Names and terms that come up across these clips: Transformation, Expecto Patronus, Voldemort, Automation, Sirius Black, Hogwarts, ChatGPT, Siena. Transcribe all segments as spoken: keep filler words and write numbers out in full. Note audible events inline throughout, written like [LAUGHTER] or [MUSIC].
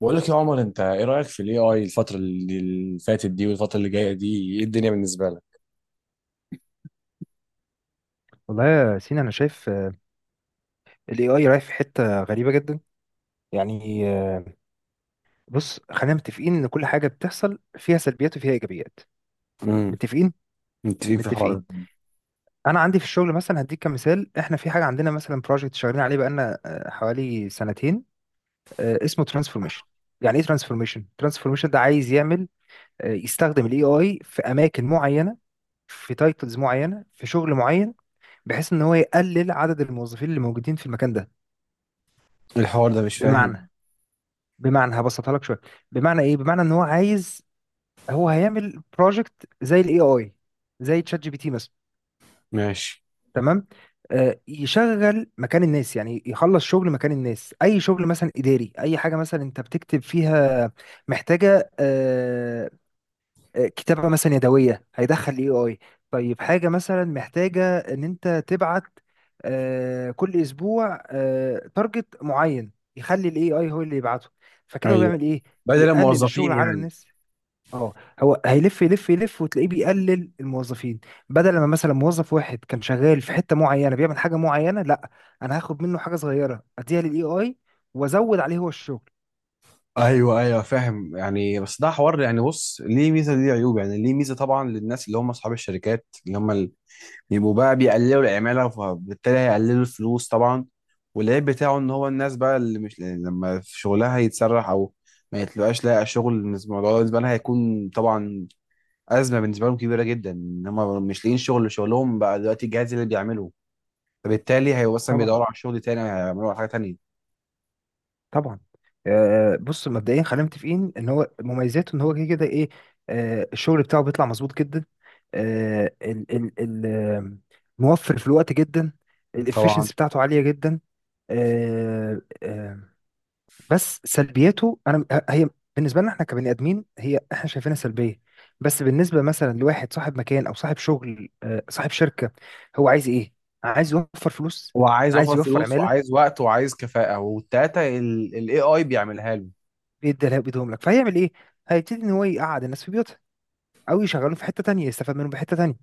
بقول لك يا عمر، انت ايه رايك في الاي اي الفتره اللي اللي فاتت دي والفتره اللي جايه دي؟ ايه الدنيا بالنسبه لك؟ والله يا سينا انا شايف الاي اي رايح في حته غريبه جدا. يعني آه، بص، خلينا متفقين ان كل حاجه بتحصل فيها سلبيات وفيها ايجابيات. امم. متفقين. متفقين في الحوار متفقين. ده. انا عندي في الشغل مثلا، هديك كمثال، احنا في حاجه عندنا مثلا، بروجكت شغالين عليه بقالنا آه، حوالي سنتين، آه، اسمه ترانسفورميشن. يعني ايه ترانسفورميشن ترانسفورميشن ده عايز يعمل، آه، يستخدم الاي اي في اماكن معينه، في تايتلز معينه، في شغل معين، بحيث ان هو يقلل عدد الموظفين اللي موجودين في المكان ده. الحوار ده مش فاهم. بمعنى، بمعنى هبسطها لك شويه. بمعنى ايه؟ بمعنى ان هو عايز، هو هيعمل بروجكت زي الاي اي، زي تشات جي بي تي مثلا. ماشي. تمام. آه يشغل مكان الناس، يعني يخلص شغل مكان الناس، اي شغل مثلا اداري، اي حاجه مثلا انت بتكتب فيها محتاجه آه، آه، كتابة مثلا يدوية، هيدخل اي اي. طيب، حاجة مثلا محتاجة ان انت تبعت آه، كل اسبوع تارجت معين، يخلي الاي اي هو اللي يبعته. فكده هو ايوه، بيعمل ايه؟ بدل بيقلل الموظفين الشغل على يعني. الناس. اه. هو هيلف يلف يلف وتلاقيه بيقلل الموظفين. بدل ما مثلا موظف واحد كان شغال في حتة معينة بيعمل حاجة معينة، لا، انا هاخد منه حاجة صغيرة اديها للاي اي وازود عليه هو الشغل. ايوه ايوه فاهم يعني، بس ده حوار يعني. بص، ليه ميزه ليه عيوب. يعني ليه ميزه طبعا للناس اللي هم اصحاب الشركات اللي هم اللي بيبقوا بقى بيقللوا العماله، فبالتالي هيقللوا الفلوس طبعا. والعيب بتاعه ان هو الناس بقى اللي مش يعني لما في شغلها يتسرح او ما يتلقاش لاقي شغل، الموضوع ده بالنسبه لها هيكون طبعا ازمه بالنسبه لهم كبيره جدا ان هم مش لاقيين شغل، شغلهم بقى دلوقتي الجهاز اللي بيعمله، فبالتالي هيبقوا اصلا طبعا. بيدوروا على شغل تاني، هيعملوا على حاجه تانيه. طبعا. آه، بص، مبدئيا خلينا متفقين ان هو مميزاته ان هو كده كده ايه، آه، الشغل بتاعه بيطلع مظبوط جدا، آه، ال ال ال آه، موفر في الوقت جدا، طبعا. الافشنسي بتاعته عاليه جدا. آه، آه، بس سلبياته، انا هي بالنسبه لنا احنا كبني ادمين هي احنا شايفينها سلبيه، بس بالنسبه مثلا لواحد صاحب مكان او صاحب شغل آه، صاحب شركه، هو عايز ايه؟ عايز يوفر فلوس. هو عايز عايز اوفر يوفر. فلوس وعايز وقت وعايز كفاءه، والتلاته الاي اي بيعملها له. بيديها لها- بيديهم لك، فهيعمل ايه؟ هيبتدي ان هو يقعد الناس في بيوتها، او يشغلهم في حته تانية يستفاد منهم بحته تانية.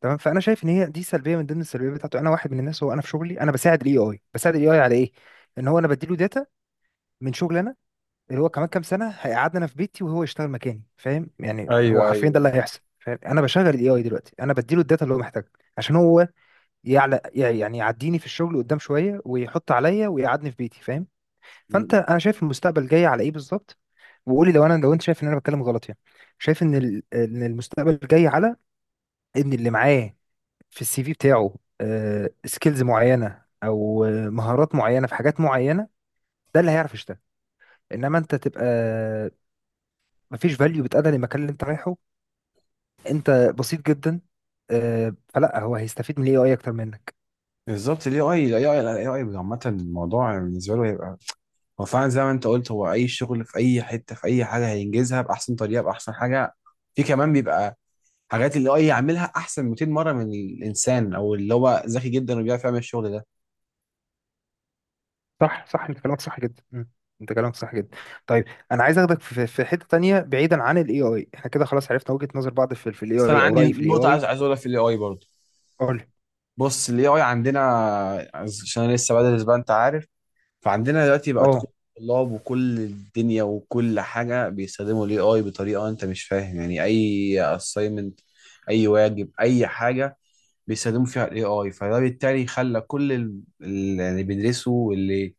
تمام، فانا شايف ان هي دي سلبيه من ضمن السلبيات بتاعته. انا واحد من الناس، هو انا في شغلي انا بساعد الاي اي. بساعد الاي اي على ايه؟ ان هو انا بديله داتا من شغل انا، اللي هو كمان كام سنه هيقعدنا انا في بيتي وهو يشتغل مكاني. فاهم يعني؟ هو ايوه حرفيا ده اللي ايوه. هيحصل، فاهم؟ انا بشغل الاي اي دلوقتي، انا بديله الداتا اللي هو محتاجها عشان هو يعلى، يعني يعديني في الشغل قدام شويه ويحط عليا ويقعدني في بيتي، فاهم؟ م- فانت، م. انا شايف المستقبل جاي على ايه بالظبط، وقولي لو انا، لو انت شايف ان انا بتكلم غلط يعني. شايف ان ال- ان المستقبل جاي على ان اللي معاه في السي في بتاعه سكيلز معينه، او آه، مهارات معينه في حاجات معينه، ده اللي هيعرف يشتغل. انما انت تبقى مفيش فاليو بتأدى للمكان اللي انت رايحه، انت بسيط جدا، آه، فلا، هو هيستفيد من الاي اي اكتر منك. بالظبط. الاي اي الاي اي الاي اي عامه الموضوع بالنسبه له هيبقى هو فعلا زي ما انت قلت، هو اي شغل في اي حته في اي حاجه هينجزها باحسن طريقه باحسن حاجه. في كمان بيبقى حاجات اللي اي يعملها احسن ميتين مرة مره من الانسان، او اللي هو ذكي جدا وبيعرف يعمل الشغل ده. صح، صح، انت كلامك صح جدا. مم. انت كلامك صح جدا. طيب، انا عايز اخدك في في حته تانية بعيدا عن الاي اي، احنا كده خلاص عرفنا وجهه نظر بعض في الاي بس انا اي او عندي رايي في الاي نقطه عايز اي. عايز اقولها في الاي اي برضه. قول. بص، الاي اي عندنا، عشان انا لسه بدرس بقى انت عارف، فعندنا دلوقتي بقت كل اه الطلاب وكل الدنيا وكل حاجه بيستخدموا الاي اي بطريقه انت مش فاهم. يعني اي اساينمنت اي واجب اي حاجه بيستخدموا فيها الاي اي، فده بالتالي خلى كل ال- اللي بيدرسوا واللي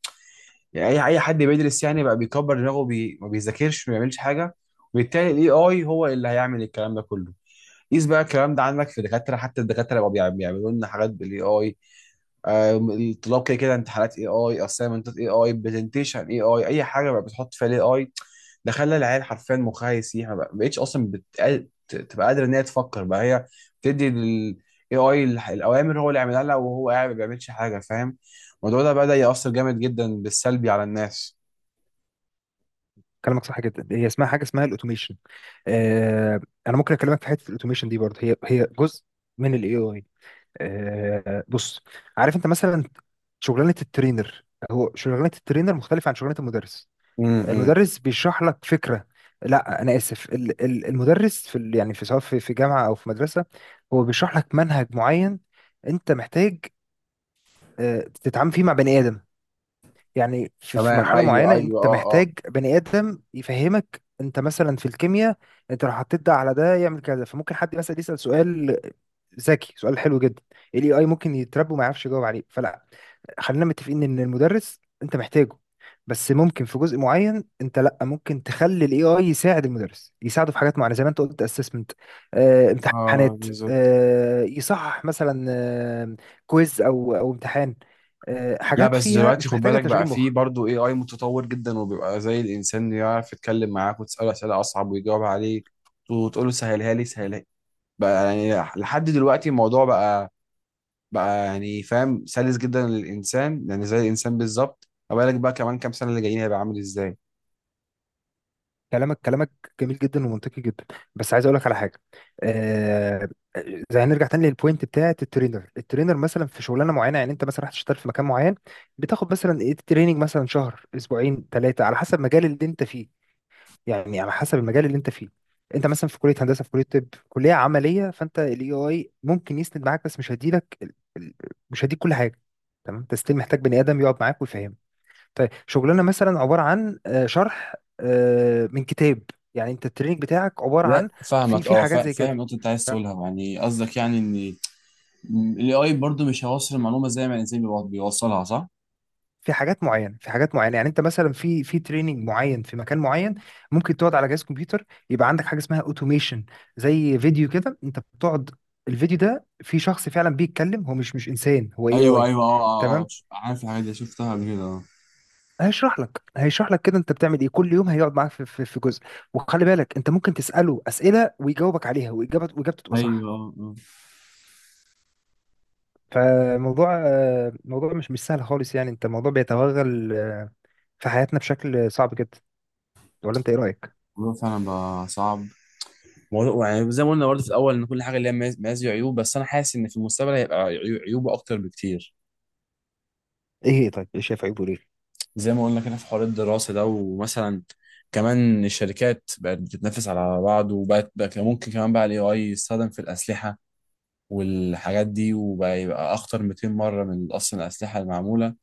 يعني اي اي حد بيدرس يعني بقى بيكبر دماغه بي... ما بيذاكرش ما بيعملش حاجه، وبالتالي الاي اي هو اللي هيعمل الكلام ده كله. قيس بقى الكلام ده عندك في دكاتره، حتى الدكاتره بقوا بيعم- بيعملوا لنا حاجات بالاي اي. الطلاب كده كده امتحانات اي اي، اسايمنتات اي اي، برزنتيشن اي اي، اي حاجه بقى بتحط فيها الاي اي. ده خلى العيال حرفيا مخها يسيح، ما بق- ما بقتش اصلا بتقل... ت- تبقى قادره ان هي تفكر بقى هي، بتدي للاي اي الاوامر هو اللي يعملها لها وهو قاعد ما بيعملش حاجه، فاهم؟ الموضوع ده بدا ياثر جامد جدا بالسلبي على الناس. كلامك صح جدا، هي اسمها حاجه، اسمها الاوتوميشن. آه، انا ممكن اكلمك في حته الاوتوميشن دي برضه، هي هي جزء من الاي اي. آه بص، عارف انت مثلا شغلانه الترينر؟ هو شغلانه الترينر مختلفه عن شغلانه المدرس. امم. المدرس بيشرح لك فكره، لا انا اسف، ال- ال- المدرس في ال- يعني في، سواء في في جامعه او في مدرسه، هو بيشرح لك منهج معين، انت محتاج آه، تتعامل فيه مع بني ادم. يعني في في تمام. مرحلة ايوه معينة ايوه انت اه اه محتاج بني آدم يفهمك، انت مثلا في الكيمياء، انت لو حطيت ده على ده يعمل كذا، فممكن حد مثلا يسأل سؤال ذكي، سؤال حلو جدا، الاي اي ممكن يتربى وما يعرفش يجاوب عليه. فلا، خلينا متفقين ان المدرس انت محتاجه، بس ممكن في جزء معين انت، لا، ممكن تخلي الاي اي يساعد المدرس، يساعده في حاجات معينة زي ما انت قلت، اسسمنت، آه اه. امتحانات، بالظبط. آه يصحح مثلا، آه كويز او او امتحان، آه، لا حاجات بس فيها دلوقتي مش خد محتاجة بالك بقى، تشغيل فيه مخ. برضه اي اي متطور جدا وبيبقى زي الانسان، يعرف يتكلم معاك وتساله اسئله اصعب ويجاوب عليك، وتقول له سهلها لي سهلها لي بقى. يعني لحد دلوقتي الموضوع بقى بقى يعني فاهم سلس جدا للانسان، يعني زي الانسان بالظبط. ما بالك بقى كمان كام سنه اللي جايين هيبقى عامل ازاي؟ كلامك كلامك جميل جدا ومنطقي جدا، بس عايز اقول لك على حاجه. آه زي، هنرجع تاني للبوينت بتاعت الترينر. الترينر مثلا في شغلانه معينه، يعني انت مثلا رحت تشتغل في مكان معين، بتاخد مثلا ايه؟ تريننج، مثلا شهر، اسبوعين، ثلاثه على حسب المجال اللي انت فيه. يعني على حسب المجال اللي انت فيه، انت مثلا في كليه هندسه، في كليه طب، كليه عمليه، فانت الاي اي ممكن يسند معاك، بس مش هيديلك ال- ال- مش هيديك كل حاجه. تمام؟ انت ستيل محتاج بني ادم يقعد معاك ويفهمك. طيب شغلنا مثلا عبارة عن آه، شرح آه، من كتاب، يعني انت التريننج بتاعك عبارة لا عن، في فاهمك، في اه حاجات فا- زي فاهم كده، النقطة اللي انت عايز تمام؟ تقولها. يعني قصدك يعني ان ال إيه آي برضه مش هيوصل المعلومة زي ما الانسان بيوص- بيوصلها، صح؟ في حاجات معينة، في حاجات معينة، يعني انت مثلا في في تريننج معين في مكان معين، ممكن تقعد على جهاز كمبيوتر، يبقى عندك حاجة اسمها اوتوميشن، زي فيديو كده انت بتقعد. الفيديو ده في شخص فعلا بيتكلم، هو مش مش انسان، هو اي ايوه اي. ايوه اه اه اه. تمام. ش- عارف، الحاجات دي شفتها قبل كده. اه. هيشرح لك هيشرح لك كده انت بتعمل ايه كل يوم، هيقعد معاك في في في جزء، وخلي بالك انت ممكن تسأله أسئلة ويجاوبك عليها، واجابته واجابته تبقى ايوه. صح. اه. فموضوع آه، موضوع مش مش سهل خالص، يعني انت الموضوع بيتوغل آه، في حياتنا بشكل صعب جدا، ولا انت ايه رأيك؟ الموضوع فعلا بقى صعب. موضوع يعني زي ما قلنا برضه في الاول ان كل حاجه ليها مز- مزايا وعيوب، بس انا حاسس ان في المستقبل هيبقى عيو- عيوبه اكتر بكتير. ايه هي؟ طيب ايه شايف عيبه ليه؟ زي ما قلنا كده في حوار الدراسه ده، ومثلا كمان الشركات بقت بتتنافس على بعض، وبقت بقى كان ممكن كمان بقى الاي اي يستخدم في الاسلحه والحاجات دي، وبقى يبقى اخطر ميتين مرة مره من اصلا الاسلحه المعموله.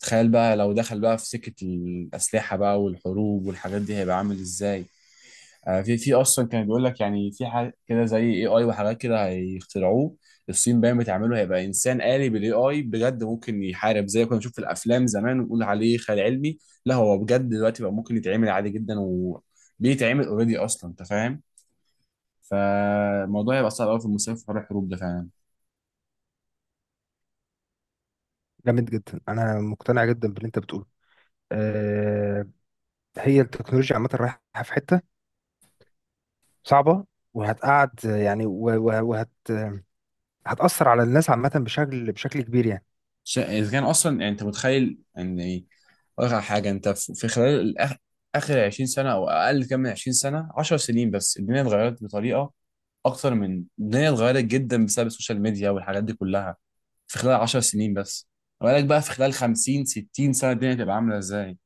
تخيل بقى لو دخل بقى في سكه الاسلحه بقى والحروب والحاجات دي هيبقى عامل ازاي. آه، في في اصلا كان بيقول لك يعني في حاجه كده زي اي اي وحاجات كده هيخترعوه. الصين باين بتعمله، هيبقى انسان آلي بالاي اي بجد ممكن يحارب زي ما كنا بنشوف في الافلام زمان ونقول عليه خيال علمي. لا، هو بجد دلوقتي بقى ممكن يتعمل عادي جدا، وبيتعمل اوريدي اصلا، انت فاهم. فالموضوع هيبقى صعب قوي في المستقبل في حوار الحروب ده فعلا. جامد جدا، انا مقتنع جدا باللي انت بتقوله. أه، هي التكنولوجيا عامة رايحة في حتة صعبة، وهتقعد آه، يعني و- و- وهت هتأثر على الناس عامة بشكل بشكل كبير يعني. ش- اذا كان اصلا يعني انت متخيل ان ايه. اقول لك على حاجه، انت في في خلال الأخ... اخر عشرين سنة سنه او اقل، كام من عشرين سنة سنه، 10 سنين بس الدنيا اتغيرت بطريقه اكتر من الدنيا اتغيرت جدا بسبب السوشيال ميديا والحاجات دي كلها. في خلال 10 سنين بس، ما بالك بقى في خلال خمسين ستين سنة سنه الدنيا تبقى عامله ازاي.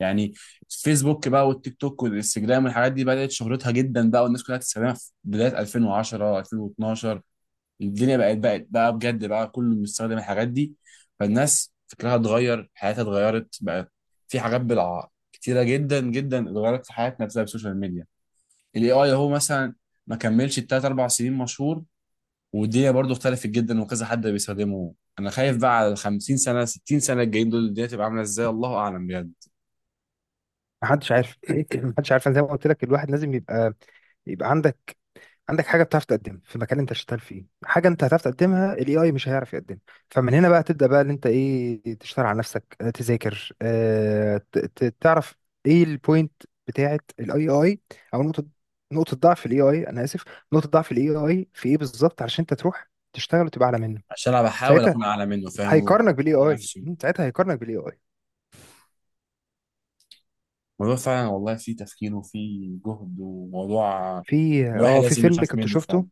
يعني فيسبوك بقى والتيك توك والانستجرام والحاجات دي بدات شهرتها جدا بقى والناس كلها تستخدمها في بدايه ألفين وعشرة ألفين واتناشر. الدنيا بقت بقت بقى بجد بقى كله بيستخدم الحاجات دي، فالناس فكرها اتغير، حياتها اتغيرت بقى. في حاجات بالع كتيره جدا جدا اتغيرت في حياتنا بسبب السوشيال ميديا. الاي اي اهو مثلا ما كملش التلات اربع سنين مشهور والدنيا برضو اختلفت جدا وكذا حد بيستخدمه. انا خايف بقى على ال خمسين سنة سنه ستين سنة سنه الجايين دول الدنيا تبقى عامله ازاي، الله اعلم بجد. محدش عارف. [CLEARS THROAT] محدش عارف، أنا زي ما قلت لك الواحد لازم يبقى، يبقى عندك، عندك حاجه بتعرف تقدمها في مكان انت شغال فيه، حاجه انت هتعرف تقدمها الاي اي مش هيعرف يقدمها. فمن هنا بقى تبدا بقى ان انت ايه، تشتغل على نفسك، آه، تذاكر، آه، ت- ت- تعرف ايه البوينت بتاعت الاي اي، او نقطه، نقطه ضعف الاي اي، انا اسف، نقطه ضعف الاي اي في ايه بالظبط، علشان انت تروح تشتغل وتبقى اعلى منه. عشان انا بحاول ساعتها اكون اعلى منه، فاهم، هيقارنك بالاي واقنع اي. نفسي. ساعتها هيقارنك بالاي اي. الموضوع فعلا والله فيه تفكير وفيه جهد وموضوع في الواحد اه في لازم فيلم يخاف كنت منه فعلا. شفته،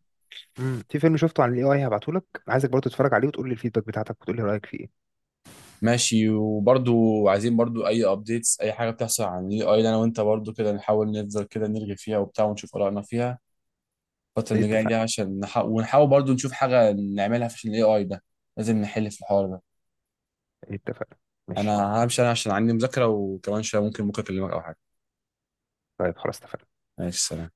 مم، في فيلم شفته عن الاي اي، هبعته لك، عايزك برضه تتفرج عليه وتقول لي الفيدباك بتاعتك وتقول لي رايك فيه. ماشي. وبرضو عايزين برضو اي ابديتس اي حاجه بتحصل عن الاي اي انا وانت برضو كده نحاول نفضل كده نرغي فيها وبتاع ونشوف ارائنا فيها الفتره ايه، اللي جايه دي، اتفقنا. عشان نح... ونحاول برضو نشوف حاجه نعملها في الاي اي ده. لازم نحل في الحوار ده. اتفقنا. ماشي. انا همشي انا، عشان عندي مذاكرة، وكمان شوية ممكن بكرة اكلمك او حاجة. طيب خلاص اتفقنا. ماشي، سلام.